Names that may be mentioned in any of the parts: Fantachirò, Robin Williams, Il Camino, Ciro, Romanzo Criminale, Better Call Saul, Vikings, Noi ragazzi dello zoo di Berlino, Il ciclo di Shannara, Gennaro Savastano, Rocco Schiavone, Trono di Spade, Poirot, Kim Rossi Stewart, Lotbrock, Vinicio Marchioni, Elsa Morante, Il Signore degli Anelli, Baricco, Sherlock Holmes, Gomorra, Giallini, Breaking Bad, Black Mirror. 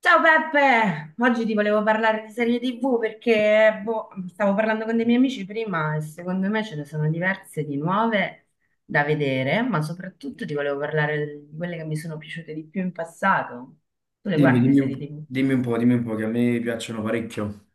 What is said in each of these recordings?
Ciao Peppe, oggi ti volevo parlare di serie TV perché boh, stavo parlando con dei miei amici prima e secondo me ce ne sono diverse di nuove da vedere, ma soprattutto ti volevo parlare di quelle che mi sono piaciute di più in passato. Tu le guardi le serie TV? Dimmi un po', che a me piacciono parecchio.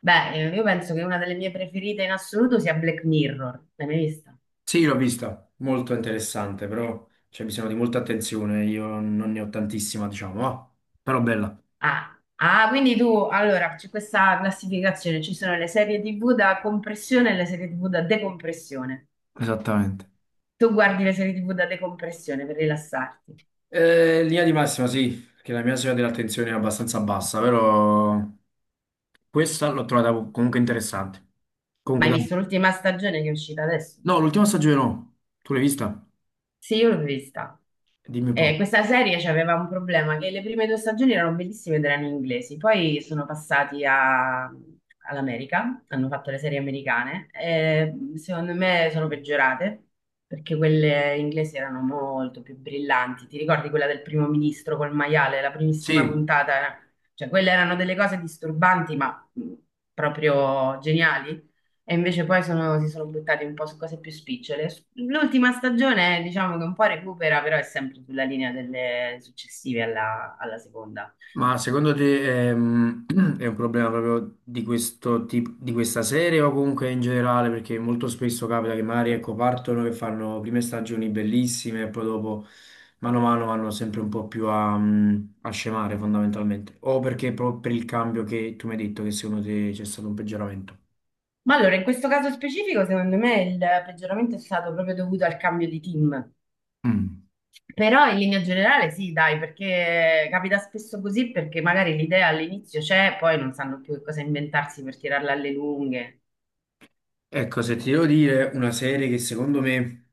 Beh, io penso che una delle mie preferite in assoluto sia Black Mirror. L'hai mai vista? Sì, l'ho vista, molto interessante, però c'è bisogno di molta attenzione, io non ne ho tantissima, diciamo, però bella. Ah, ah, quindi tu, allora, c'è questa classificazione, ci sono le serie TV da compressione e le serie TV da decompressione. Esattamente. Tu guardi le serie TV da decompressione per rilassarti. Linea di massima, sì, che la mia soglia dell'attenzione è abbastanza bassa, però questa l'ho trovata comunque interessante. Ma Comunque, hai dai. visto l'ultima stagione che è uscita adesso? No, l'ultima stagione no, tu l'hai vista? Sì, io l'ho vista. Dimmi un po'. Questa serie aveva un problema, che le prime due stagioni erano bellissime ed erano inglesi, poi sono passati all'America, hanno fatto le serie americane, e secondo me sono peggiorate, perché quelle inglesi erano molto più brillanti. Ti ricordi quella del primo ministro col maiale, la primissima Sì. puntata? Cioè, quelle erano delle cose disturbanti, ma proprio geniali. E invece si sono buttati un po' su cose più spicciole. L'ultima stagione, diciamo che un po' recupera, però è sempre sulla linea delle successive alla seconda. Ma secondo te è un problema proprio di questo tipo, di questa serie o comunque in generale? Perché molto spesso capita che magari ecco, partono che fanno prime stagioni bellissime e poi dopo mano a mano vanno sempre un po' più a scemare fondamentalmente. O perché proprio per il cambio che tu mi hai detto che secondo te c'è stato un peggioramento? Ma allora, in questo caso specifico, secondo me il peggioramento è stato proprio dovuto al cambio di team. Mm. Però in linea generale sì, dai, perché capita spesso così, perché magari l'idea all'inizio c'è, poi non sanno più che cosa inventarsi per tirarla alle lunghe. Ecco, se ti devo dire una serie che secondo me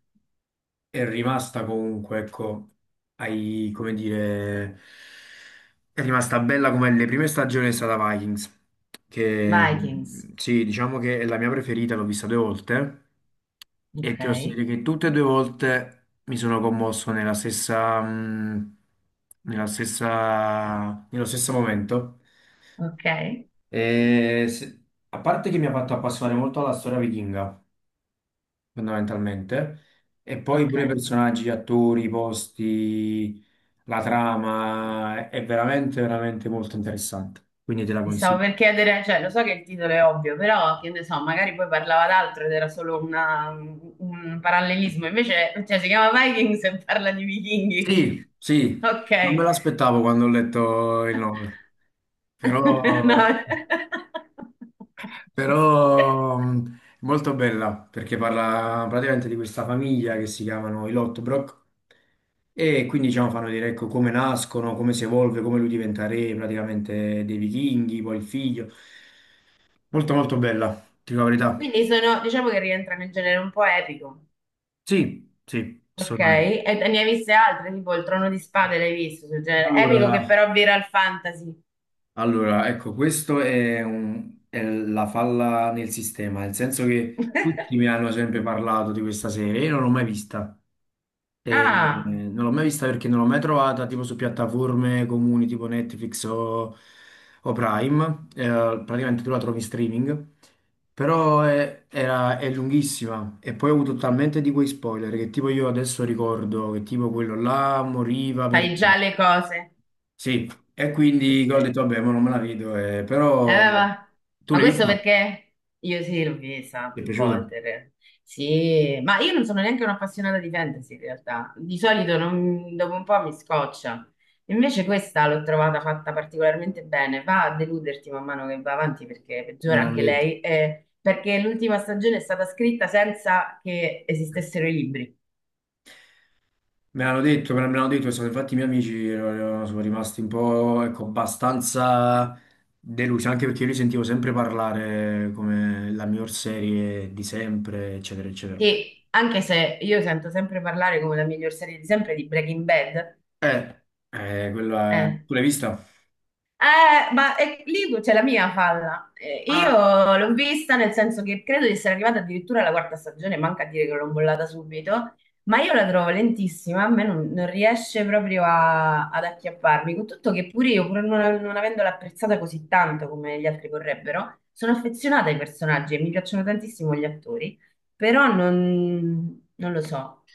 è rimasta comunque, ecco, ai, come dire, è rimasta bella come le prime stagioni è stata Vikings, che Vikings, sì, diciamo che è la mia preferita, l'ho vista due volte e ok, ti posso dire che tutte e due volte mi sono commosso nella stessa, nello stesso momento. ok, E se- a parte che mi ha fatto appassionare molto alla storia vichinga fondamentalmente. E poi ok. pure i personaggi, gli attori, i posti, la trama, è veramente, veramente molto interessante. Quindi te la Mi stavo consiglio. per chiedere, cioè lo so che il titolo è ovvio, però che ne so, magari poi parlava d'altro ed era solo un parallelismo, invece cioè, si chiama Vikings e parla di vichinghi. Sì, sì, non me Ok. l'aspettavo quando ho letto il nome, però, No. però, è molto bella perché parla praticamente di questa famiglia che si chiamano i Lotbrock e quindi diciamo fanno vedere ecco, come nascono, come si evolve, come lui diventa re praticamente dei vichinghi, poi il figlio. Molto molto bella, ti dico la verità. Quindi sono, diciamo che rientra nel genere un po' epico. Sì, sì, Ok, assolutamente. e te ne hai viste altre, tipo il Trono di Spade l'hai visto sul genere epico che Allora, però vira al fantasy. allora, ecco, questo è la falla nel sistema, nel senso che tutti mi hanno sempre parlato di questa serie, io non l'ho mai vista. E Ah, non l'ho mai vista perché non l'ho mai trovata tipo su piattaforme comuni tipo Netflix o Prime. Praticamente tu la trovi in streaming, però è lunghissima e poi ho avuto talmente di quei spoiler che tipo io adesso ricordo che tipo quello là moriva per. fai già le cose. Sì, e quindi ho detto vabbè, ma non me la vedo, Eh, però ma, tu ma l'hai questo vista? perché io sì, l'ho vista Ti è più piaciuta? volte in realtà. Sì, ma io non sono neanche un'appassionata di fantasy in realtà. Di solito dopo un po' mi scoccia. Invece questa l'ho trovata fatta particolarmente bene. Va a deluderti man mano che va avanti perché Me peggiora l'hanno anche detto. lei, perché l'ultima stagione è stata scritta senza che esistessero i libri. Me l'hanno detto, me l'hanno detto, infatti i miei amici sono rimasti un po', ecco, abbastanza delusi, anche perché io li sentivo sempre parlare come la miglior serie di sempre, eccetera, eccetera. Che anche se io sento sempre parlare come la miglior serie di sempre di Breaking Bad, Eh, eh. Tu l'hai vista? Lì c'è la mia falla. Io l'ho vista nel senso che credo di essere arrivata addirittura alla quarta stagione, manca a dire che l'ho bollata subito, ma io la trovo lentissima, a me non riesce proprio ad acchiapparmi, con tutto che pure io, pur non avendola apprezzata così tanto come gli altri vorrebbero, sono affezionata ai personaggi e mi piacciono tantissimo gli attori, però non lo so.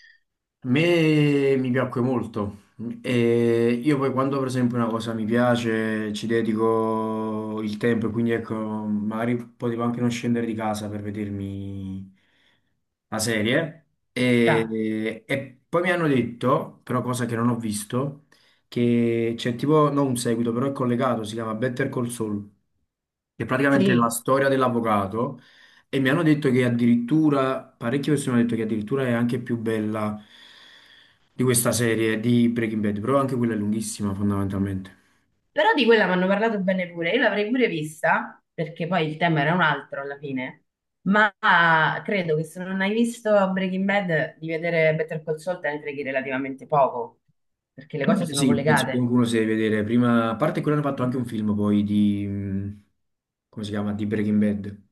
A me mi piacque molto. E io poi quando per esempio una cosa mi piace ci dedico il tempo, e quindi ecco, magari potevo anche non scendere di casa per vedermi la serie. E poi mi hanno detto, però cosa che non ho visto, che c'è tipo, non un seguito, però è collegato, si chiama Better Call Saul, che praticamente è la Dai. storia dell'avvocato e mi hanno detto che addirittura, parecchie persone hanno detto che addirittura è anche più bella di questa serie di Breaking Bad, però anche quella è lunghissima fondamentalmente. Però di quella mi hanno parlato bene pure, io l'avrei pure vista, perché poi il tema era un altro alla fine, ma credo che se non hai visto Breaking Bad, di vedere Better Call Saul te ne freghi relativamente poco, perché le cose Eh sono sì, penso che collegate. qualcuno si deve vedere prima, a parte quello hanno fatto anche un film poi di, come si chiama, di Breaking Bad,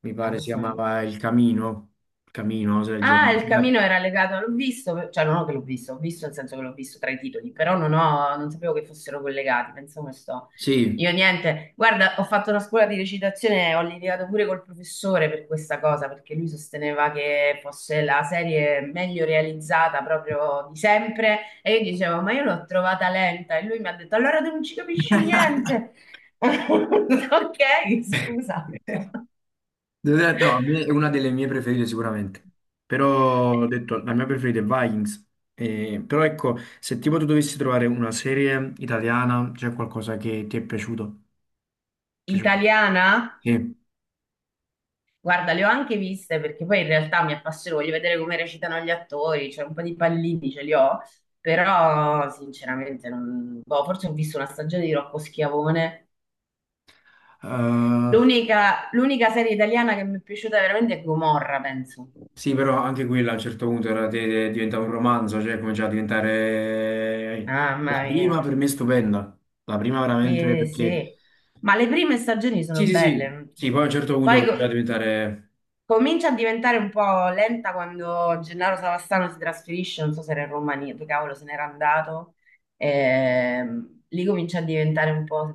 mi Ah, pare si questo... chiamava Il Camino, Camino, se del Ah, genere. il camino era legato, l'ho visto, cioè non ho che l'ho visto, ho visto nel senso che l'ho visto tra i titoli, però non sapevo che fossero collegati, pensavo che sto. Sì. Io niente, guarda, ho fatto una scuola di recitazione, ho litigato pure col professore per questa cosa, perché lui sosteneva che fosse la serie meglio realizzata proprio di sempre, e io dicevo, ma io l'ho trovata lenta, e lui mi ha detto, allora tu non ci capisci niente. Ok, scusa. No, a me è una delle mie preferite sicuramente, però ho detto la mia preferita è Vikings. Però ecco, se tipo tu dovessi trovare una serie italiana, c'è qualcosa che ti è piaciuto? Piaciuta? Italiana? Sì. Guarda, le ho anche viste perché poi in realtà mi appassiono, voglio vedere come recitano gli attori, cioè un po' di pallini ce li ho, però sinceramente non... boh, forse ho visto una stagione di Rocco Schiavone. Eh, L'unica serie italiana che mi è piaciuta veramente è Gomorra, penso. sì, però anche quella a un certo punto diventava un romanzo, cioè cominciava a diventare. Mamma La prima mia. per me è stupenda, la prima veramente Sì, perché sì. Ma le prime stagioni sono sì, sì, sì, belle. sì, poi a un certo punto Poi cominciava a co- diventare. Comincia a diventare un po' lenta quando Gennaro Savastano si trasferisce, non so se era in Romania, dove cavolo se n'era andato. Lì comincia a diventare un po'...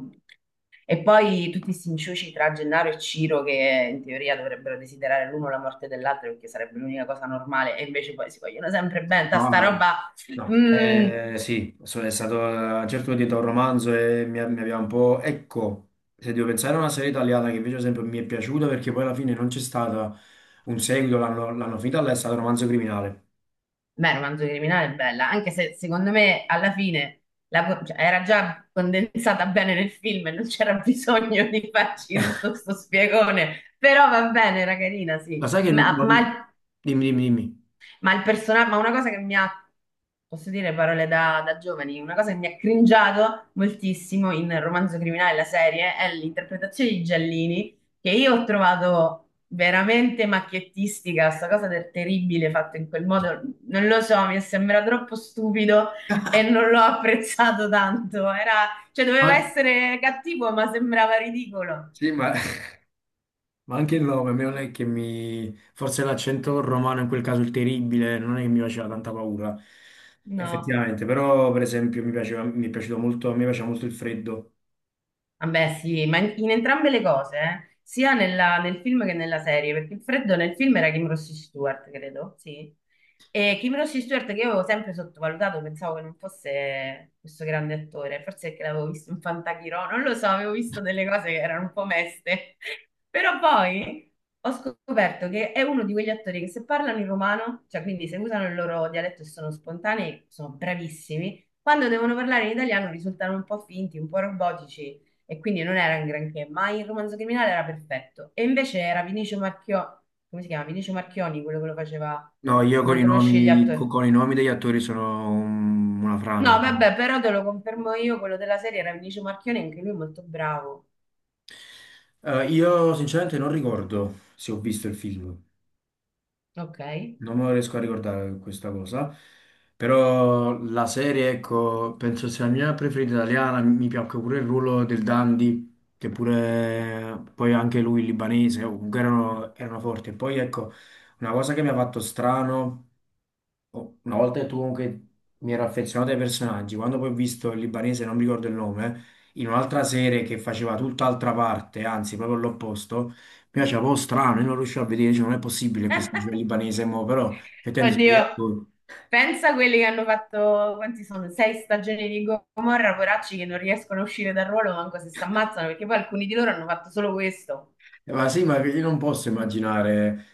E poi tutti questi inciuci tra Gennaro e Ciro che in teoria dovrebbero desiderare l'uno la morte dell'altro perché sarebbe l'unica cosa normale e invece poi si vogliono sempre bene. Ta No, Sta no, roba... no. mm. Sì, è stato a un certo punto un romanzo e mi aveva un po'. Ecco, se devo pensare a una serie italiana che invece ad esempio mi è piaciuta perché poi alla fine non c'è stato un seguito, l'hanno l'hanno finita, là, è stato Romanzo Criminale. Beh, Romanzo Criminale è bella, anche se secondo me alla fine cioè, era già condensata bene nel film e non c'era bisogno di farci tutto sto spiegone, però va bene, era carina, Ma sì. sai che... Ma, ma non- il Dimmi, dimmi, dimmi. ma il personaggio, ma una cosa che mi ha, posso dire parole da giovani, una cosa che mi ha cringiato moltissimo in Romanzo Criminale, la serie, è l'interpretazione di Giallini, che io ho trovato veramente macchiettistica, sta cosa del terribile fatto in quel modo, non lo so, mi sembra troppo stupido e non l'ho apprezzato tanto, era, cioè doveva Poi- essere cattivo, ma sembrava ridicolo. Sì. Ma anche il nome, a me non è che mi. Forse l'accento romano, in quel caso il terribile, non è che mi faceva tanta paura. No. Effettivamente, però per esempio mi piaceva, mi è piaciuto molto, a me piaceva molto il freddo. Vabbè, sì, ma in entrambe le cose, eh. Sia nel film che nella serie, perché il freddo nel film era Kim Rossi Stewart, credo, sì. E Kim Rossi Stewart, che io avevo sempre sottovalutato, pensavo che non fosse questo grande attore, forse perché l'avevo visto in Fantachirò, non lo so, avevo visto delle cose che erano un po' meste. Però poi ho scoperto che è uno di quegli attori che se parlano in romano, cioè quindi se usano il loro dialetto e sono spontanei, sono bravissimi. Quando devono parlare in italiano risultano un po' finti, un po' robotici e quindi non era un granché, ma il Romanzo Criminale era perfetto. E invece era Vinicio Marchio, come si chiama? Vinicio Marchioni, quello che lo faceva. No, io con Non i conosci gli nomi, attori? con, i nomi degli attori sono una No, frana. vabbè, però te lo confermo io, quello della serie era Vinicio Marchioni, anche lui è molto bravo. Io sinceramente non ricordo se ho visto il film, Ok. non me lo riesco a ricordare questa cosa, però la serie, ecco, penso sia la mia preferita italiana, mi piacque pure il ruolo del Dandy, che pure poi anche lui libanese, comunque erano forti. E poi ecco, una cosa che mi ha fatto strano. Oh, una volta che tu comunque mi ero affezionato ai personaggi, quando poi ho visto il libanese, non mi ricordo il nome, in un'altra serie che faceva tutt'altra parte, anzi proprio l'opposto, mi piaceva un po' strano, io non riuscivo a vedere, cioè, non è possibile che questo giro libanese, mo, però effettivamente sono degli Oddio. attori. Pensa a quelli che hanno fatto, quanti sono? Sei stagioni di Gomorra, poracci che non riescono a uscire dal ruolo manco se si ammazzano, perché poi alcuni di loro hanno fatto solo questo. Ma sì, ma io non posso immaginare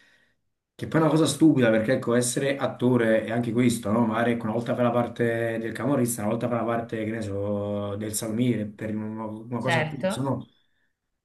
che poi è una cosa stupida perché ecco, essere attore è anche questo, no? Magari ecco, una volta fa la parte del camorrista, una volta fa la parte, che ne so, del salmiere, per una cosa a cazzo, Certo. no?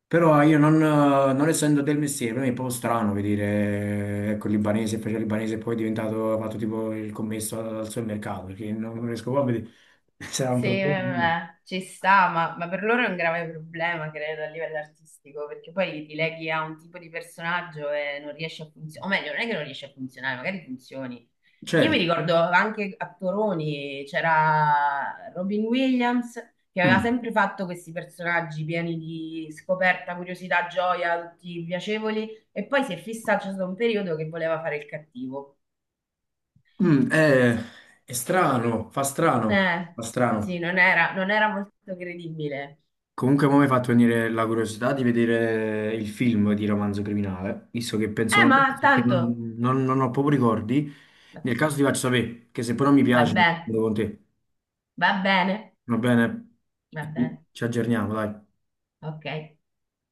Però io non essendo del mestiere, per me è un po' strano vedere, ecco, il libanese, faceva il libanese e poi è diventato, ha fatto tipo il commesso al supermercato, perché non riesco proprio a vedere se era un Sì, problema. vabbè, ci sta, ma per loro è un grave problema, credo, a livello artistico, perché poi ti leghi a un tipo di personaggio e non riesci a funzionare, o meglio, non è che non riesci a funzionare, magari funzioni. Io mi Certo. ricordo anche a Toroni c'era Robin Williams che aveva Mm. sempre fatto questi personaggi pieni di scoperta, curiosità, gioia, tutti piacevoli, e poi si è fissato, c'è stato un periodo che voleva fare il cattivo. Mm, è strano, fa strano, Eh, fa sì, strano. Non era molto credibile. Comunque, mo mi ha fatto venire la curiosità di vedere il film di Romanzo Criminale, visto che penso non, Ma che tanto. non- non- non ho proprio ricordi. Nel caso ti faccio sapere, che se poi non mi piace, lo Vabbè, vedo con te. va bene, Va bene? va bene, va bene, Ci aggiorniamo, dai. ok.